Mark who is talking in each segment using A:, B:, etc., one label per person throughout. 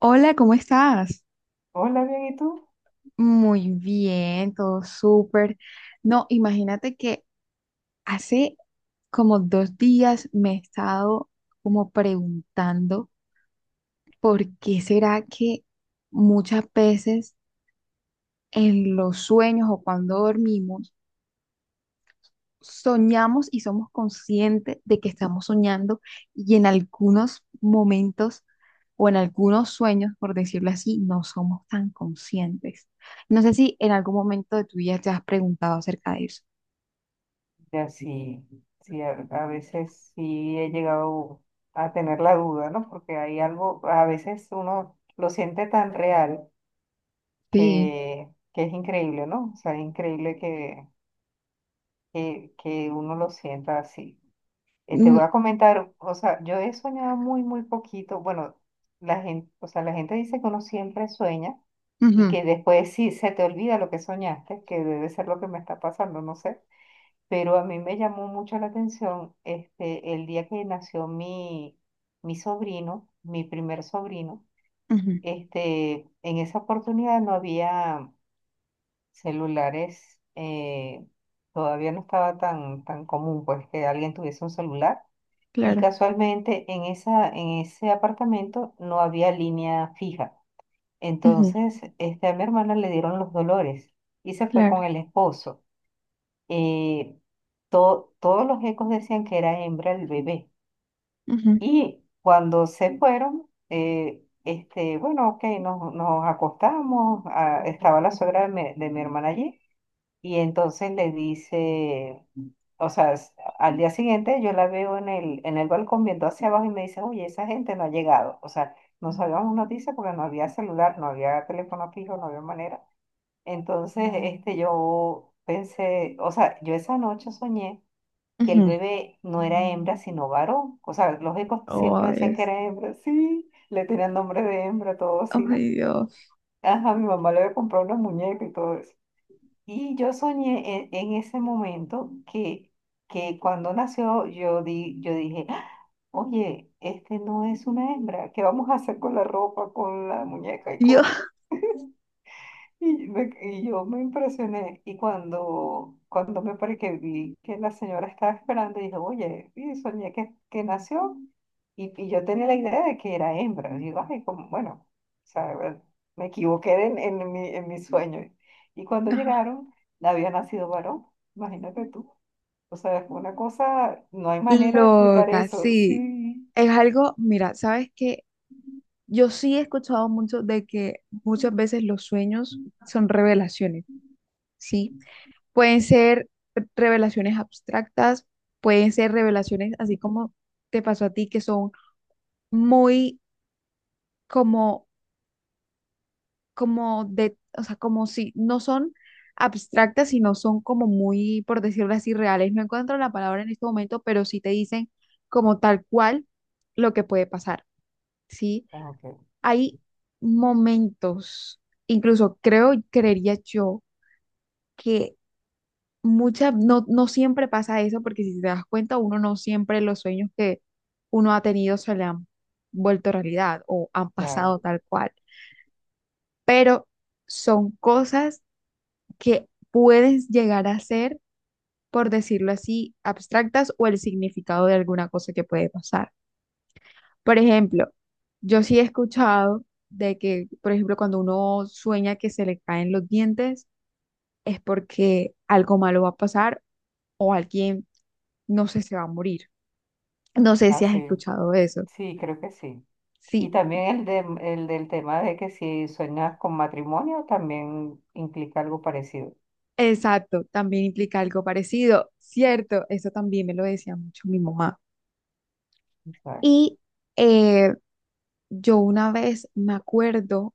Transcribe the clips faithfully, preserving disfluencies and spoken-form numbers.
A: Hola, ¿cómo estás?
B: Hola, bien, ¿y tú?
A: Muy bien, todo súper. No, imagínate que hace como dos días me he estado como preguntando por qué será que muchas veces en los sueños o cuando dormimos soñamos y somos conscientes de que estamos soñando, y en algunos momentos o en algunos sueños, por decirlo así, no somos tan conscientes. No sé si en algún momento de tu vida te has preguntado acerca de eso.
B: Ya sí, sí, a, a veces sí he llegado a tener la duda, ¿no? Porque hay algo, a veces uno lo siente tan real
A: Sí.
B: que, que es increíble, ¿no? O sea, es increíble que, que, que uno lo sienta así. Eh, te
A: Mm.
B: voy a comentar, o sea, yo he soñado muy, muy poquito. Bueno, la gente, o sea, la gente dice que uno siempre sueña y
A: Ujú.
B: que después sí se te olvida lo que soñaste, que debe ser lo que me está pasando, no sé. Pero a mí me llamó mucho la atención este, el día que nació mi, mi sobrino, mi primer sobrino.
A: Ujú,
B: Este, en esa oportunidad no había celulares, eh, todavía no estaba tan, tan común pues que alguien tuviese un celular. Y
A: claro.
B: casualmente en esa, en ese apartamento no había línea fija.
A: Ujú,
B: Entonces, este, a mi hermana le dieron los dolores y se fue con
A: claro.
B: el esposo, eh, to- todos los ecos decían que era hembra el bebé.
A: Ujú.
B: Y cuando se fueron, eh, este, bueno, ok, nos, nos acostamos, ah, estaba la suegra de mi, de mi hermana allí, y entonces le dice, o sea, s- al día siguiente yo la veo en el, en el balcón viendo hacia abajo y me dice, oye, esa gente no ha llegado. O sea, no sabíamos noticias porque no había celular, no había teléfono fijo, no había manera. Entonces, este, yo pensé, o sea, yo esa noche soñé que el
A: Ujú.
B: bebé no era hembra, sino varón. O sea, los ecos
A: Oh
B: siempre decían que
A: Dios.
B: era hembra, sí, le tenían nombre de hembra, todo así, ¿no?
A: Ay Dios.
B: Ajá, mi mamá le había comprado una muñeca y todo eso. Y yo soñé en, en ese momento que, que cuando nació yo, di, yo dije, Ah, oye, este no es una hembra, ¿qué vamos a hacer con la ropa, con la muñeca y
A: Dios.
B: con y, me- y yo me impresioné, y cuando, cuando me paré que vi que la señora estaba esperando, dije, oye, y soñé que, que nació, y, y yo tenía la idea de que era hembra. Y digo, ay, como, bueno, o sea, bueno, me equivoqué en, en mi, en mi sueño. Y cuando
A: Ajá.
B: llegaron, había nacido varón, imagínate tú. O sea, fue una cosa, no hay manera de explicar
A: Loca,
B: eso.
A: sí.
B: Sí.
A: Es algo, mira, ¿sabes qué? Yo sí he escuchado mucho de que muchas veces los sueños son revelaciones, ¿sí? Pueden ser revelaciones abstractas, pueden ser revelaciones así como te pasó a ti, que son muy como, como de, o sea, como si no son abstractas, sino son como muy, por decirlo así, reales. No encuentro la palabra en este momento, pero sí te dicen como tal cual lo que puede pasar, ¿sí?
B: Ah, ok,
A: Hay momentos, incluso creo, y creería yo, que muchas, no, no siempre pasa eso, porque si te das cuenta, uno no siempre los sueños que uno ha tenido se le han vuelto realidad o han
B: claro.
A: pasado tal cual, pero son cosas que puedes llegar a ser, por decirlo así, abstractas o el significado de alguna cosa que puede pasar. Por ejemplo, yo sí he escuchado de que, por ejemplo, cuando uno sueña que se le caen los dientes, es porque algo malo va a pasar o alguien, no sé, se va a morir. No sé
B: Ah,
A: si has
B: sí,
A: escuchado eso.
B: sí, creo que sí. Y
A: Sí,
B: también el, de, el del tema de que si sueñas con matrimonio también implica algo parecido.
A: exacto, también implica algo parecido. Cierto, eso también me lo decía mucho mi mamá.
B: Exacto.
A: Y eh, yo una vez me acuerdo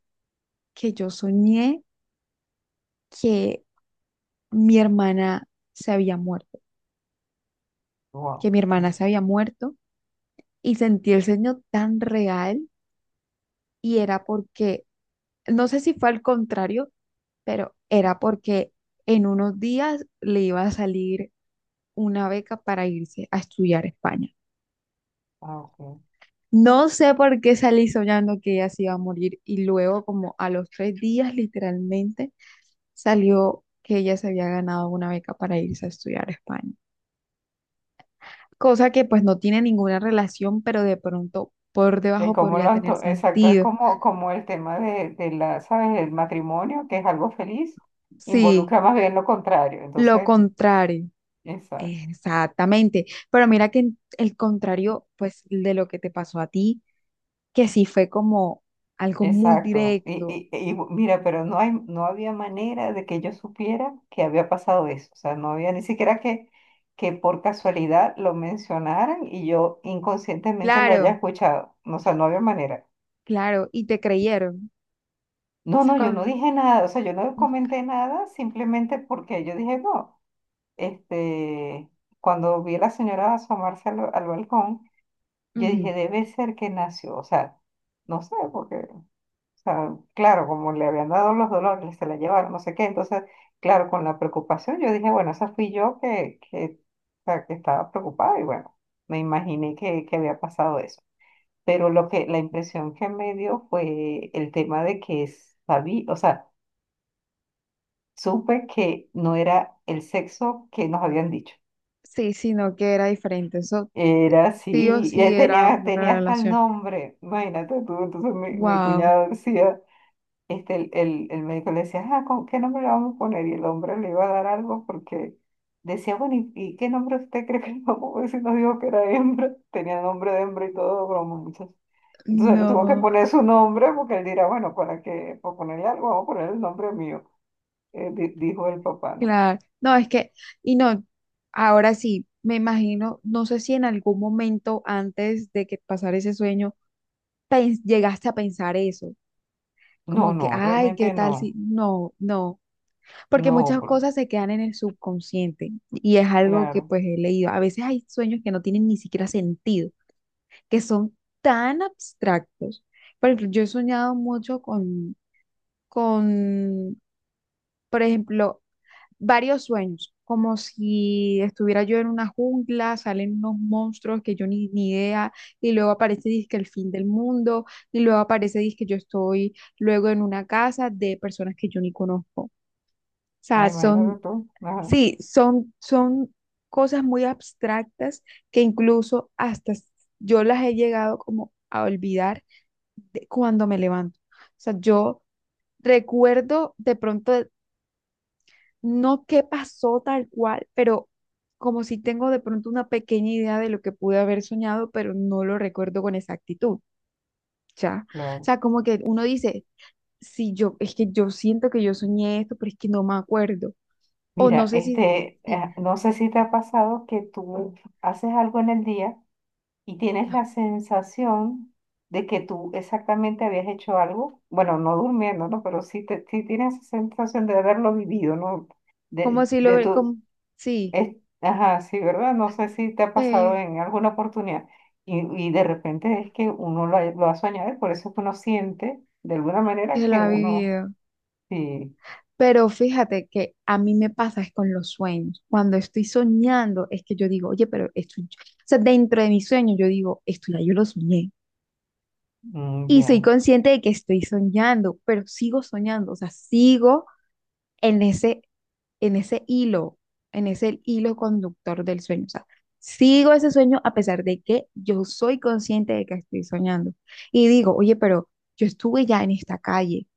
A: que yo soñé que mi hermana se había muerto, que
B: Wow.
A: mi hermana se había muerto, y sentí el sueño tan real, y era porque, no sé si fue al contrario, pero era porque en unos días le iba a salir una beca para irse a estudiar a España.
B: Ah, ok.
A: No sé por qué salí soñando que ella se iba a morir y luego como a los tres días literalmente salió que ella se había ganado una beca para irse a estudiar a España. Cosa que pues no tiene ninguna relación, pero de pronto por
B: Es
A: debajo
B: como
A: podría
B: lo
A: tener
B: anto- exacto, es
A: sentido.
B: como, como el tema de, de la, ¿sabes? El matrimonio, que es algo feliz,
A: Sí,
B: involucra más bien lo contrario.
A: lo
B: Entonces,
A: contrario.
B: exacto.
A: Exactamente, pero mira que en- el contrario, pues, de lo que te pasó a ti, que sí fue como algo muy
B: Exacto.
A: directo.
B: Y, y, y bu- mira, pero no hay, no había manera de que yo supiera que había pasado eso. O sea, no había ni siquiera que, que por casualidad lo mencionaran y yo inconscientemente lo haya
A: Claro,
B: escuchado. No, o sea, no había manera.
A: claro, y te creyeron. O
B: No,
A: sea,
B: no, yo no
A: con...
B: dije nada. O sea, yo no comenté nada simplemente porque yo dije, no, este, cuando vi a la señora asomarse al, al balcón, yo
A: Ujú.
B: dije, debe ser que nació. O sea, no sé, porque sea, claro, como le habían dado los dolores, se la llevaron, no sé qué. Entonces, claro, con la preocupación, yo dije, bueno, esa fui yo que, que, o sea, que estaba preocupada y bueno, me imaginé que, que había pasado eso. Pero lo que, la impresión que me dio fue el tema de que sabí, o sea, supe que no era el sexo que nos habían dicho.
A: Sí, sí, no, que era diferente. Eso
B: Era
A: sí o
B: así, y
A: sí
B: eh,
A: era
B: tenía,
A: una
B: tenía hasta el
A: relación.
B: nombre, imagínate tú. Entonces mi, mi
A: Wow,
B: cuñado decía, este, el, el, el médico le decía, ah, ¿con qué nombre le vamos a poner? Y el hombre le iba a dar algo porque decía, bueno, ¿y, y qué nombre usted cree que le vamos a poner si nos dijo que era hembra? Tenía nombre de hembra y todo, broma, muchachos. Entonces le tuvo que
A: no,
B: poner su nombre porque él dirá, bueno, para que, por ponerle algo, vamos a poner el nombre mío, eh, di- dijo el papá, ¿no?
A: claro. No, es que, y no, ahora sí, me imagino, no sé si en algún momento antes de que pasara ese sueño, pens- llegaste a pensar eso.
B: No,
A: Como que,
B: no,
A: ay, ¿qué
B: realmente
A: tal si?
B: no,
A: No, no, porque
B: no,
A: muchas
B: por-
A: cosas se quedan en el subconsciente y es algo que
B: claro.
A: pues he leído. A veces hay sueños que no tienen ni siquiera sentido, que son tan abstractos. Por ejemplo, yo he soñado mucho con, con, por ejemplo, varios sueños, como si estuviera yo en una jungla, salen unos monstruos que yo ni, ni idea, y luego aparece dizque el fin del mundo, y luego aparece dizque yo estoy luego en una casa de personas que yo ni conozco. O
B: Ah,
A: sea, son,
B: imagínate tú. Ajá,
A: sí, son, son cosas muy abstractas que incluso hasta s- yo las he llegado como a olvidar de- cuando me levanto. O sea, yo recuerdo de pronto no qué pasó tal cual, pero como si tengo de pronto una pequeña idea de lo que pude haber soñado, pero no lo recuerdo con exactitud, ¿ya? O
B: claro.
A: sea, como que uno dice, sí, yo, es que yo siento que yo soñé esto, pero es que no me acuerdo. O no
B: Mira,
A: sé si,
B: este,
A: sí,
B: eh, no sé si te ha pasado que tú haces algo en el día y tienes
A: ah,
B: la sensación de que tú exactamente habías hecho algo, bueno, no durmiendo, ¿no? Pero sí, te, sí tienes esa sensación de haberlo vivido, ¿no? De,
A: como si lo,
B: de tu,
A: como, sí,
B: es- ajá, sí, ¿verdad? No sé si te ha pasado
A: eh,
B: en alguna oportunidad, y, y de repente es que uno lo, ha- lo ha soñado y por eso es que uno siente de alguna manera
A: que lo
B: que
A: ha
B: uno,
A: vivido.
B: sí,
A: Pero fíjate que a mí me pasa es con los sueños. Cuando estoy soñando, es que yo digo, oye, pero esto, yo-". O sea, dentro de mis sueños yo digo, esto ya yo lo soñé.
B: mm,
A: Y soy
B: ya,
A: consciente de que estoy soñando, pero sigo soñando, o sea, sigo en ese, en ese hilo, en ese hilo conductor del sueño. O sea, sigo ese sueño a pesar de que yo soy consciente de que estoy soñando. Y digo, oye, pero yo estuve ya en esta calle.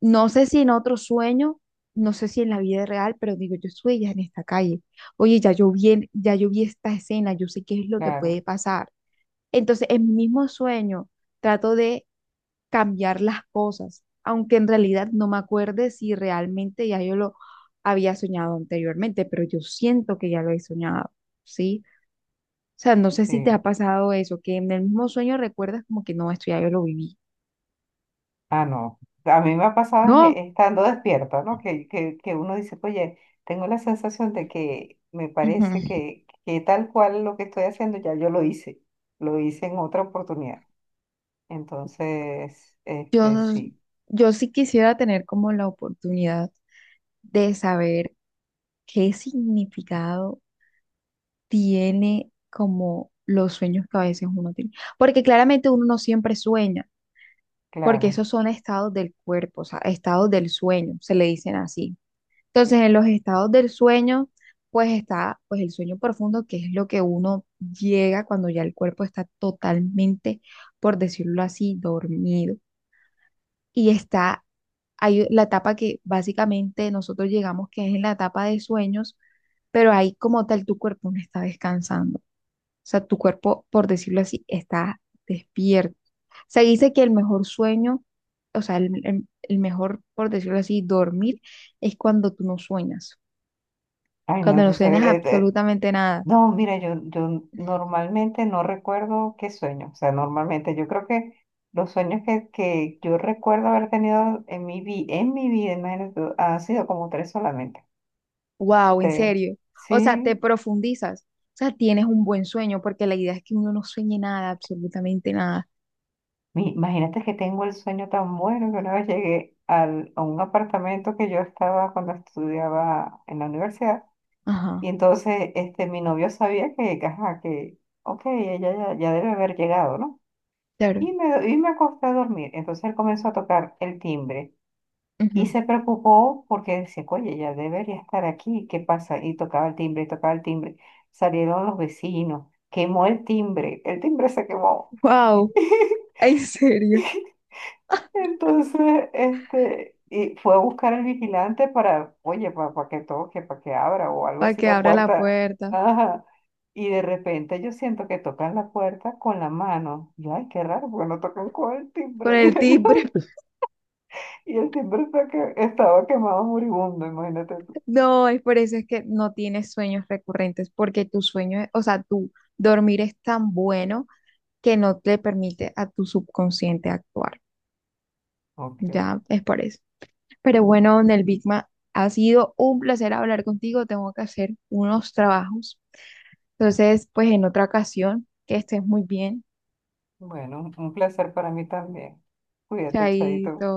A: No sé si en otro sueño, no sé si en la vida real, pero digo, yo estuve ya en esta calle. Oye, ya yo vi, en- ya yo vi esta escena, yo sé qué es lo que
B: claro,
A: puede pasar. Entonces, en mi mismo sueño, trato de cambiar las cosas, aunque en realidad no me acuerde si realmente ya yo lo había soñado anteriormente, pero yo siento que ya lo he soñado, ¿sí? O sea, no sé si te
B: sí.
A: ha pasado eso, que en el mismo sueño recuerdas como que no, esto ya yo lo viví.
B: Ah, no. A mí me ha pasado
A: No,
B: es- estando despierta, ¿no? Que, que, que uno dice, oye, tengo la sensación de que me parece
A: ujú.
B: que, que tal cual lo que estoy haciendo ya yo lo hice, lo hice en otra oportunidad. Entonces,
A: Yo,
B: este, sí,
A: yo sí quisiera tener como la oportunidad de saber qué significado tiene como los sueños que a veces uno tiene, porque claramente uno no siempre sueña. Porque
B: claro.
A: esos son estados del cuerpo, o sea, estados del sueño, se le dicen así. Entonces, en los estados del sueño, pues está pues el sueño profundo, que es lo que uno llega cuando ya el cuerpo está totalmente, por decirlo así, dormido. Y está hay la etapa que básicamente nosotros llegamos, que es en la etapa de sueños, pero ahí como tal tu cuerpo no está descansando. O sea, tu cuerpo, por decirlo así, está despierto. Se dice que el mejor sueño, o sea, el, el- el mejor, por decirlo así, dormir es cuando tú no sueñas,
B: Ay, no,
A: cuando no
B: entonces,
A: sueñas
B: eh, eh,
A: absolutamente nada.
B: no, mira, yo, yo normalmente no recuerdo qué sueño. O sea, normalmente yo creo que los sueños que, que yo recuerdo haber tenido en mi vi, en mi vida, imagínate tú, han sido como tres solamente.
A: Wow, en
B: este
A: serio. O sea, te
B: Sí,
A: profundizas. O sea, tienes un buen sueño porque la idea es que uno no sueñe nada, absolutamente nada.
B: mi- imagínate que tengo el sueño tan bueno que una vez llegué al, a un apartamento que yo estaba cuando estudiaba en la universidad,
A: Ajá,
B: y entonces este, mi novio sabía que, que, ajá, que, ok, ella ya, ya debe haber llegado, ¿no?
A: claro.
B: Y me, y me acosté a dormir. Entonces él comenzó a tocar el timbre y se preocupó porque decía, oye, ella debería estar aquí, ¿qué pasa? Y tocaba el timbre, y tocaba el timbre. Salieron los vecinos, quemó el timbre, el timbre se quemó.
A: Wow, en serio.
B: Entonces, este, y fue a buscar al vigilante para, oye, para, que toque, para que abra o algo
A: Para
B: así
A: que
B: la
A: abra la
B: puerta.
A: puerta
B: Ajá. Y de repente yo siento que tocan la puerta con la mano. Yo, ay, qué raro, porque no tocan con el
A: con
B: timbre,
A: el
B: dije
A: timbre.
B: yo. Y el timbre está que- estaba quemado moribundo, imagínate tú.
A: No, es por eso es que no tienes sueños recurrentes porque tu sueño, es- o sea, tu dormir es tan bueno que no te permite a tu subconsciente actuar.
B: Ok,
A: Ya es por eso. Pero bueno, Nelvigma, ha sido un placer hablar contigo. Tengo que hacer unos trabajos. Entonces, pues en otra ocasión, que estés muy bien.
B: bueno, un placer para mí también. Cuídate,
A: Chaito.
B: Chaito.